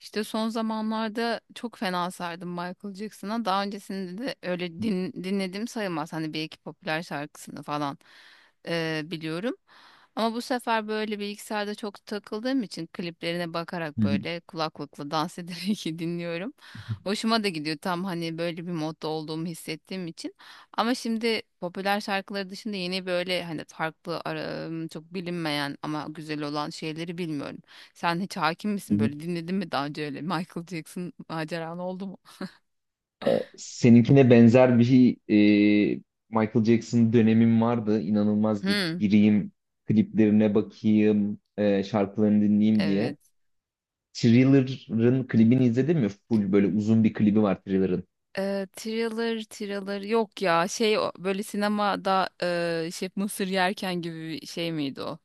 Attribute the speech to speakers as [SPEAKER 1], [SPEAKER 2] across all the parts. [SPEAKER 1] İşte son zamanlarda çok fena sardım Michael Jackson'a. Daha öncesinde de öyle dinlediğim sayılmaz. Hani bir iki popüler şarkısını falan biliyorum. Ama bu sefer böyle bilgisayarda çok takıldığım için kliplerine bakarak
[SPEAKER 2] Hı hı.
[SPEAKER 1] böyle kulaklıkla dans ederek dinliyorum. Hoşuma da gidiyor tam hani böyle bir modda olduğumu hissettiğim için. Ama şimdi popüler şarkıları dışında yeni böyle hani farklı çok bilinmeyen ama güzel olan şeyleri bilmiyorum. Sen hiç hakim
[SPEAKER 2] Hı
[SPEAKER 1] misin
[SPEAKER 2] hı.
[SPEAKER 1] böyle dinledin mi daha önce öyle Michael Jackson maceran oldu mu?
[SPEAKER 2] Seninkine benzer bir e, Michael Jackson dönemim vardı. İnanılmaz bir
[SPEAKER 1] Hmm,
[SPEAKER 2] gireyim, kliplerine bakayım, şarkılarını dinleyeyim diye.
[SPEAKER 1] evet.
[SPEAKER 2] Thriller'ın klibini izledin mi? Full böyle uzun bir klibi var Thriller'ın.
[SPEAKER 1] Thriller, thriller yok ya şey böyle sinemada şey mısır yerken gibi bir şey miydi o?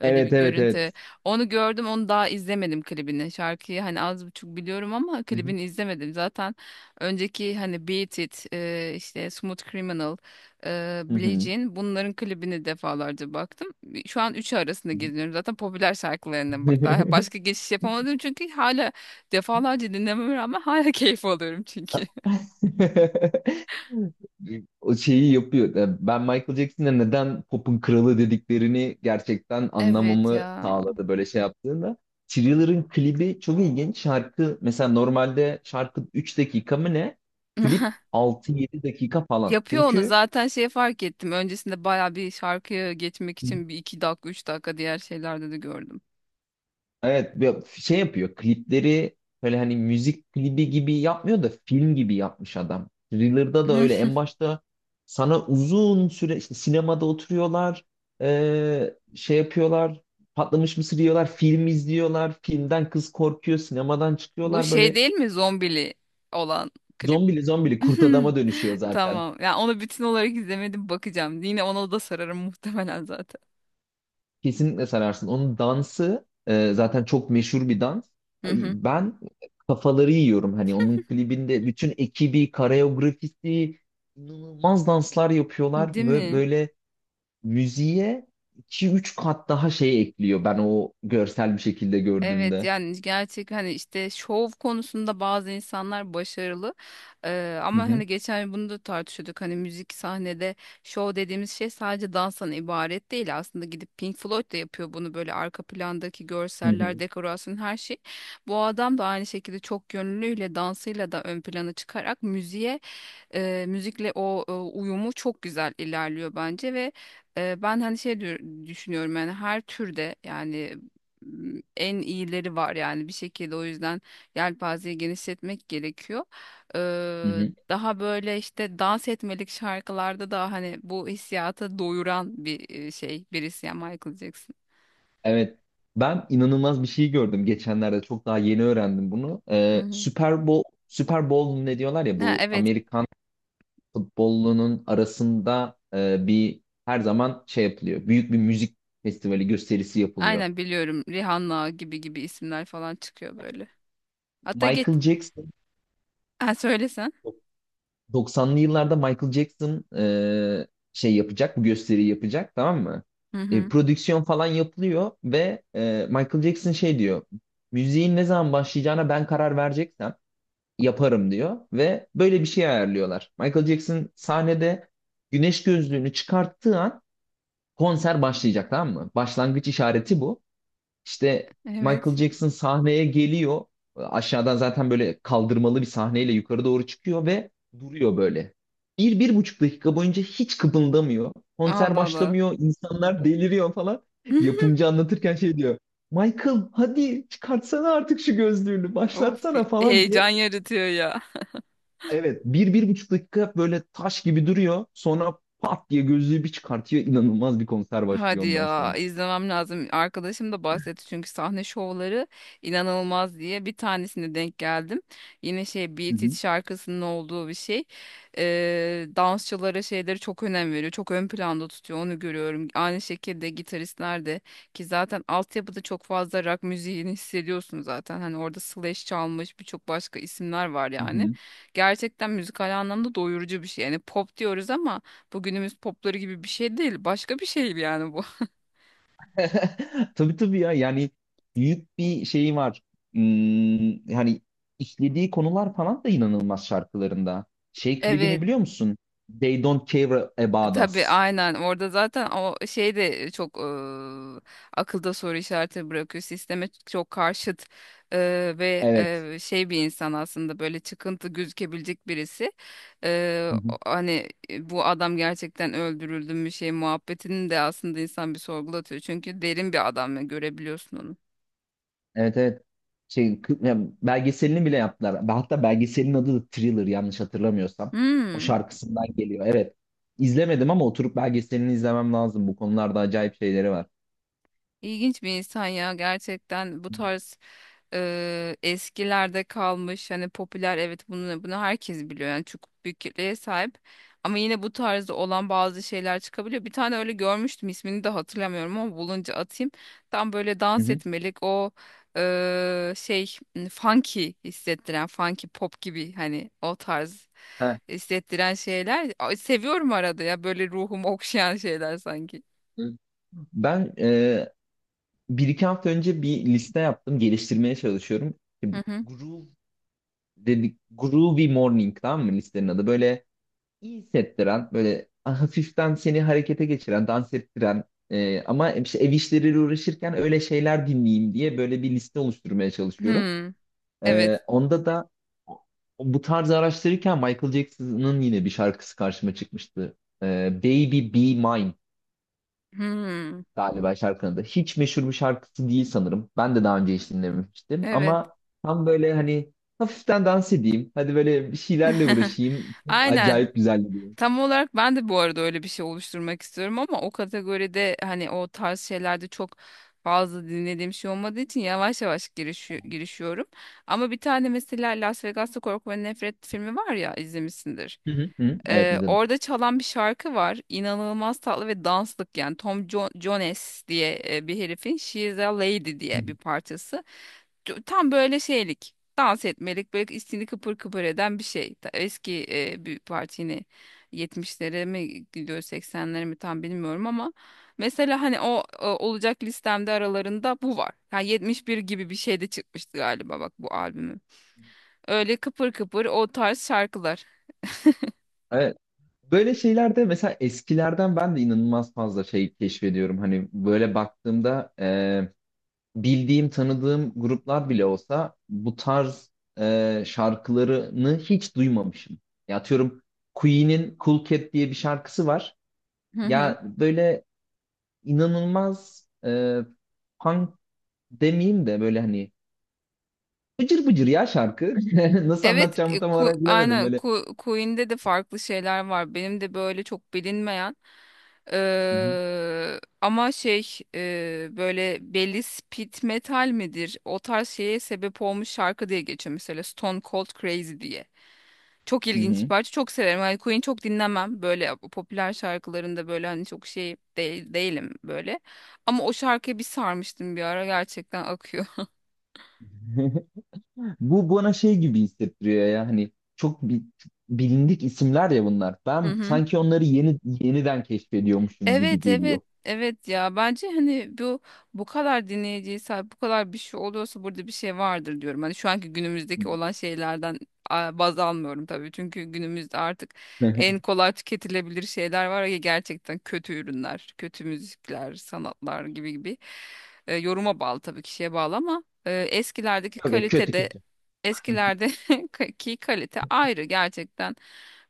[SPEAKER 1] Öyle bir
[SPEAKER 2] Evet evet
[SPEAKER 1] görüntü.
[SPEAKER 2] evet.
[SPEAKER 1] Onu gördüm, onu daha izlemedim klibini. Şarkıyı hani az buçuk biliyorum ama
[SPEAKER 2] Hı hı.
[SPEAKER 1] klibini izlemedim. Zaten önceki hani Beat It, işte Smooth Criminal, Billie
[SPEAKER 2] Hı
[SPEAKER 1] Jean bunların klibini defalarca baktım. Şu an üçü arasında geziniyorum. Zaten popüler şarkılarından
[SPEAKER 2] hı.
[SPEAKER 1] bak daha başka geçiş yapamadım çünkü hala defalarca dinlememe rağmen hala keyif alıyorum çünkü.
[SPEAKER 2] O şeyi yapıyor. Ben Michael Jackson'a neden pop'un kralı dediklerini gerçekten
[SPEAKER 1] Evet
[SPEAKER 2] anlamamı
[SPEAKER 1] ya.
[SPEAKER 2] sağladı böyle şey yaptığında. Thriller'ın klibi çok ilginç. Şarkı mesela normalde şarkı 3 dakika mı ne? Klip altı yedi dakika falan.
[SPEAKER 1] Yapıyor onu
[SPEAKER 2] Çünkü.
[SPEAKER 1] zaten şey fark ettim. Öncesinde baya bir şarkıya geçmek için bir iki dakika üç dakika diğer şeylerde de gördüm.
[SPEAKER 2] Evet, şey yapıyor klipleri, böyle hani müzik klibi gibi yapmıyor da film gibi yapmış adam. Thriller'da da
[SPEAKER 1] Hı.
[SPEAKER 2] öyle, en başta sana uzun süre işte sinemada oturuyorlar, şey yapıyorlar, patlamış mısır yiyorlar, film izliyorlar, filmden kız korkuyor, sinemadan
[SPEAKER 1] Bu
[SPEAKER 2] çıkıyorlar,
[SPEAKER 1] şey
[SPEAKER 2] böyle
[SPEAKER 1] değil mi zombili olan klip?
[SPEAKER 2] zombili zombili kurt adama dönüşüyor zaten.
[SPEAKER 1] Tamam. Yani onu bütün olarak izlemedim, bakacağım. Yine ona da sararım muhtemelen zaten.
[SPEAKER 2] Kesinlikle sararsın. Onun dansı zaten çok meşhur bir dans.
[SPEAKER 1] Hı
[SPEAKER 2] Ay,
[SPEAKER 1] hı.
[SPEAKER 2] ben kafaları yiyorum. Hani onun klibinde bütün ekibi, koreografisi, inanılmaz danslar yapıyorlar
[SPEAKER 1] Değil
[SPEAKER 2] ve
[SPEAKER 1] mi?
[SPEAKER 2] böyle müziğe iki üç kat daha şey ekliyor, ben o görsel bir şekilde
[SPEAKER 1] Evet
[SPEAKER 2] gördüğümde.
[SPEAKER 1] yani gerçek hani işte şov konusunda bazı insanlar başarılı.
[SPEAKER 2] Hı
[SPEAKER 1] Ama
[SPEAKER 2] hı,
[SPEAKER 1] hani geçen gün bunu da tartışıyorduk, hani müzik sahnede şov dediğimiz şey sadece danstan ibaret değil aslında, gidip Pink Floyd da yapıyor bunu, böyle arka plandaki
[SPEAKER 2] hı
[SPEAKER 1] görseller,
[SPEAKER 2] hı,
[SPEAKER 1] dekorasyon, her şey, bu adam da aynı şekilde çok yönlüyle dansıyla da ön plana çıkarak müziğe müzikle o uyumu çok güzel ilerliyor bence. Ve ben hani şey düşünüyorum yani her türde yani en iyileri var yani bir şekilde, o yüzden yelpazeyi genişletmek gerekiyor.
[SPEAKER 2] hı
[SPEAKER 1] Eee,
[SPEAKER 2] hı.
[SPEAKER 1] Daha böyle işte dans etmelik şarkılarda da hani bu hissiyata doyuran bir şey birisi yani Michael Jackson.
[SPEAKER 2] Evet. Ben inanılmaz bir şey gördüm geçenlerde. Çok daha yeni öğrendim bunu.
[SPEAKER 1] Hı hı.
[SPEAKER 2] Super Bowl, Super Bowl ne diyorlar ya,
[SPEAKER 1] Ha,
[SPEAKER 2] bu
[SPEAKER 1] evet
[SPEAKER 2] Amerikan futbolunun arasında bir her zaman şey yapılıyor. Büyük bir müzik festivali gösterisi yapılıyor.
[SPEAKER 1] aynen biliyorum, Rihanna gibi gibi isimler falan çıkıyor böyle. Hatta geç,
[SPEAKER 2] Michael Jackson
[SPEAKER 1] ha, söylesen.
[SPEAKER 2] 90'lı yıllarda Michael Jackson şey yapacak, bu gösteriyi yapacak, tamam mı?
[SPEAKER 1] Hı hı.
[SPEAKER 2] Prodüksiyon falan yapılıyor ve Michael Jackson şey diyor. Müziğin ne zaman başlayacağına ben karar vereceksem yaparım diyor ve böyle bir şey ayarlıyorlar. Michael Jackson sahnede güneş gözlüğünü çıkarttığı an konser başlayacak, tamam mı? Başlangıç işareti bu. İşte Michael
[SPEAKER 1] Evet.
[SPEAKER 2] Jackson sahneye geliyor. Aşağıdan zaten böyle kaldırmalı bir sahneyle yukarı doğru çıkıyor ve duruyor böyle. Bir, 1,5 dakika boyunca hiç kıpıldamıyor. Konser
[SPEAKER 1] Allah Allah.
[SPEAKER 2] başlamıyor, insanlar deliriyor falan. Yapımcı anlatırken şey diyor. Michael, hadi çıkartsana artık şu gözlüğünü,
[SPEAKER 1] Of,
[SPEAKER 2] başlatsana falan diye.
[SPEAKER 1] heyecan yaratıyor ya.
[SPEAKER 2] Evet, bir, 1,5 dakika böyle taş gibi duruyor. Sonra pat diye gözlüğü bir çıkartıyor. İnanılmaz bir konser başlıyor
[SPEAKER 1] Hadi
[SPEAKER 2] ondan
[SPEAKER 1] ya
[SPEAKER 2] sonra.
[SPEAKER 1] izlemem lazım. Arkadaşım da bahsetti çünkü sahne şovları inanılmaz diye, bir tanesine denk geldim. Yine şey
[SPEAKER 2] Hı
[SPEAKER 1] Beat It
[SPEAKER 2] hı.
[SPEAKER 1] şarkısının olduğu bir şey. Dansçılara şeyleri çok önem veriyor. Çok ön planda tutuyor, onu görüyorum. Aynı şekilde gitaristler de, ki zaten altyapıda çok fazla rock müziğini hissediyorsun zaten. Hani orada Slash çalmış, birçok başka isimler var
[SPEAKER 2] Hı
[SPEAKER 1] yani.
[SPEAKER 2] hı.
[SPEAKER 1] Gerçekten müzikal anlamda doyurucu bir şey. Yani pop diyoruz ama bu günümüz popları gibi bir şey değil. Başka bir şey yani bu.
[SPEAKER 2] Tabii tabii ya, yani büyük bir şey var. Hmm, yani işlediği konular falan da inanılmaz şarkılarında. Şey klibini
[SPEAKER 1] Evet.
[SPEAKER 2] biliyor musun? They Don't Care About
[SPEAKER 1] Tabii
[SPEAKER 2] Us.
[SPEAKER 1] aynen, orada zaten o şey de çok akılda soru işareti bırakıyor. Sisteme çok karşıt ve
[SPEAKER 2] Evet.
[SPEAKER 1] şey bir insan aslında, böyle çıkıntı gözükebilecek birisi.
[SPEAKER 2] Hı hı.
[SPEAKER 1] Hani bu adam gerçekten öldürüldü mü, şey muhabbetini de aslında insan bir sorgulatıyor. Çünkü derin bir adam ve görebiliyorsun onu.
[SPEAKER 2] Evet evet. Yani belgeselini bile yaptılar. Hatta belgeselin adı da Thriller, yanlış hatırlamıyorsam. O
[SPEAKER 1] Hmm.
[SPEAKER 2] şarkısından geliyor. Evet. İzlemedim ama oturup belgeselini izlemem lazım. Bu konularda acayip şeyleri var.
[SPEAKER 1] İlginç bir insan ya gerçekten, bu tarz eskilerde kalmış hani popüler, evet, bunu bunu herkes biliyor yani çok büyük kitleye sahip, ama yine bu tarzda olan bazı şeyler çıkabiliyor. Bir tane öyle görmüştüm, ismini de hatırlamıyorum ama bulunca atayım. Tam böyle
[SPEAKER 2] Hı
[SPEAKER 1] dans
[SPEAKER 2] hı.
[SPEAKER 1] etmelik o şey funky hissettiren, funky pop gibi, hani o tarz
[SPEAKER 2] Heh.
[SPEAKER 1] hissettiren şeyler. Ay, seviyorum arada ya, böyle ruhumu okşayan şeyler sanki.
[SPEAKER 2] Ben bir iki hafta önce bir liste yaptım. Geliştirmeye çalışıyorum. İşte
[SPEAKER 1] Hı
[SPEAKER 2] bu
[SPEAKER 1] hı.
[SPEAKER 2] groove dedik. Groovy Morning, tamam mı listenin adı? Böyle iyi hissettiren, böyle hafiften seni harekete geçiren, dans ettiren, ama işte ev işleriyle uğraşırken öyle şeyler dinleyeyim diye böyle bir liste oluşturmaya çalışıyorum.
[SPEAKER 1] Hmm, evet.
[SPEAKER 2] Onda da bu tarz araştırırken Michael Jackson'ın yine bir şarkısı karşıma çıkmıştı. Baby Be Mine
[SPEAKER 1] Hmm,
[SPEAKER 2] galiba şarkının adı. Hiç meşhur bir şarkısı değil sanırım. Ben de daha önce hiç dinlememiştim
[SPEAKER 1] evet.
[SPEAKER 2] ama tam böyle hani hafiften dans edeyim. Hadi böyle bir şeylerle uğraşayım.
[SPEAKER 1] Aynen.
[SPEAKER 2] Acayip güzel gidiyor.
[SPEAKER 1] Tam olarak ben de bu arada öyle bir şey oluşturmak istiyorum ama o kategoride hani o tarz şeylerde çok fazla dinlediğim şey olmadığı için yavaş yavaş girişiyorum. Ama bir tane mesela Las Vegas'ta Korku ve Nefret filmi var ya, izlemişsindir.
[SPEAKER 2] Hı hı. Hı, evet izledim.
[SPEAKER 1] Orada çalan bir şarkı var. İnanılmaz tatlı ve danslık yani, Tom Jones diye bir herifin She is a Lady
[SPEAKER 2] Hı hı.
[SPEAKER 1] diye bir parçası. Tam böyle şeylik, dans etmelik, böyle içini kıpır kıpır eden bir şey. Eski bir parti, yine 70'lere mi gidiyor 80'lere mi tam bilmiyorum ama mesela hani olacak listemde aralarında bu var. Yani 71 gibi bir şey de çıkmıştı galiba bak bu albümü. Öyle kıpır kıpır o tarz şarkılar.
[SPEAKER 2] Evet. Böyle şeylerde mesela eskilerden ben de inanılmaz fazla şey keşfediyorum. Hani böyle baktığımda bildiğim, tanıdığım gruplar bile olsa bu tarz şarkılarını hiç duymamışım. Ya atıyorum, Queen'in Cool Cat diye bir şarkısı var.
[SPEAKER 1] Hı hı.
[SPEAKER 2] Ya böyle inanılmaz, punk demeyeyim de böyle hani bıcır bıcır ya şarkı. Nasıl
[SPEAKER 1] Evet,
[SPEAKER 2] anlatacağımı tam olarak bilemedim böyle.
[SPEAKER 1] Queen'de de farklı şeyler var. Benim de böyle çok bilinmeyen
[SPEAKER 2] Hı hı.
[SPEAKER 1] Ama şey böyle belli, speed metal midir? O tarz şeye sebep olmuş şarkı diye geçiyor mesela, Stone Cold Crazy diye. Çok ilginç bir
[SPEAKER 2] Hı
[SPEAKER 1] parça. Çok severim. Hani Queen çok dinlemem. Böyle popüler şarkılarında böyle hani çok şey değil, değilim böyle. Ama o şarkıya bir sarmıştım bir ara. Gerçekten akıyor.
[SPEAKER 2] hı. Bu bana şey gibi hissettiriyor ya, hani bilindik isimler ya bunlar.
[SPEAKER 1] Hı
[SPEAKER 2] Ben
[SPEAKER 1] hı.
[SPEAKER 2] sanki onları yeni yeniden keşfediyormuşum gibi
[SPEAKER 1] Evet evet
[SPEAKER 2] geliyor.
[SPEAKER 1] evet ya, bence hani bu kadar dinleyiciye sahip bu kadar bir şey oluyorsa burada bir şey vardır diyorum. Hani şu anki günümüzdeki olan şeylerden baz almıyorum tabii. Çünkü günümüzde artık en kolay tüketilebilir şeyler var ya, gerçekten kötü ürünler, kötü müzikler, sanatlar gibi gibi. Yoruma bağlı tabii, kişiye bağlı ama eskilerdeki
[SPEAKER 2] Yok yok, kötü
[SPEAKER 1] kalitede
[SPEAKER 2] kötü.
[SPEAKER 1] eskilerde ki kalite ayrı, gerçekten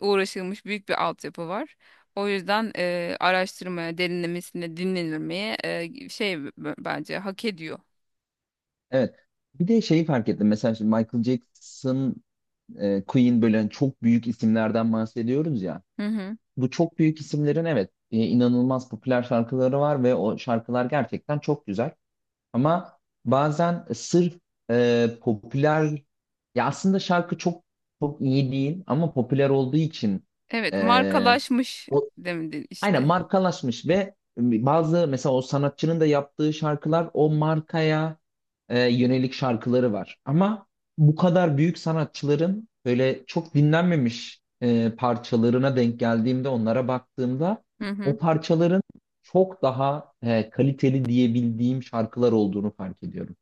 [SPEAKER 1] uğraşılmış, büyük bir altyapı var. O yüzden araştırmaya, derinlemesine dinlenilmeye şey bence hak ediyor.
[SPEAKER 2] Evet. Bir de şeyi fark ettim. Mesela şimdi Michael Jackson, Queen, böyle hani çok büyük isimlerden bahsediyoruz ya.
[SPEAKER 1] Hı hı.
[SPEAKER 2] Bu çok büyük isimlerin, evet, inanılmaz popüler şarkıları var ve o şarkılar gerçekten çok güzel. Ama bazen sırf popüler, ya aslında şarkı çok çok iyi değil ama popüler olduğu için
[SPEAKER 1] Evet,
[SPEAKER 2] e,
[SPEAKER 1] markalaşmış
[SPEAKER 2] o,
[SPEAKER 1] demedin
[SPEAKER 2] aynen
[SPEAKER 1] işte.
[SPEAKER 2] markalaşmış ve bazı, mesela o sanatçının da yaptığı şarkılar o markaya yönelik şarkıları var. Ama bu kadar büyük sanatçıların böyle çok dinlenmemiş parçalarına denk geldiğimde, onlara baktığımda
[SPEAKER 1] Hı
[SPEAKER 2] o
[SPEAKER 1] hı.
[SPEAKER 2] parçaların çok daha kaliteli diyebildiğim şarkılar olduğunu fark ediyorum.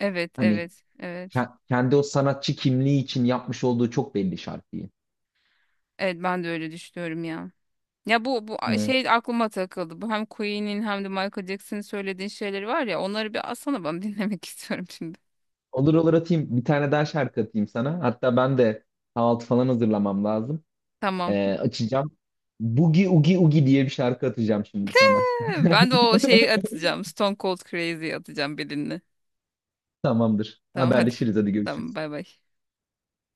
[SPEAKER 1] Evet,
[SPEAKER 2] Hani
[SPEAKER 1] evet, evet.
[SPEAKER 2] kendi o sanatçı kimliği için yapmış olduğu çok belli şarkıyı.
[SPEAKER 1] Evet, ben de öyle düşünüyorum ya. Ya bu şey aklıma takıldı. Bu hem Queen'in hem de Michael Jackson'ın söylediğin şeyleri var ya. Onları bir alsana, ben dinlemek istiyorum şimdi.
[SPEAKER 2] Olur olur, atayım. Bir tane daha şarkı atayım sana. Hatta ben de kahvaltı falan hazırlamam lazım.
[SPEAKER 1] Tamam.
[SPEAKER 2] Açacağım. Boogie Oogie Oogie diye bir şarkı atacağım şimdi sana.
[SPEAKER 1] Ben de o şeyi atacağım. Stone Cold Crazy atacağım birini.
[SPEAKER 2] Tamamdır.
[SPEAKER 1] Tamam hadi.
[SPEAKER 2] Haberleşiriz. Hadi
[SPEAKER 1] Tamam
[SPEAKER 2] görüşürüz.
[SPEAKER 1] bay bay.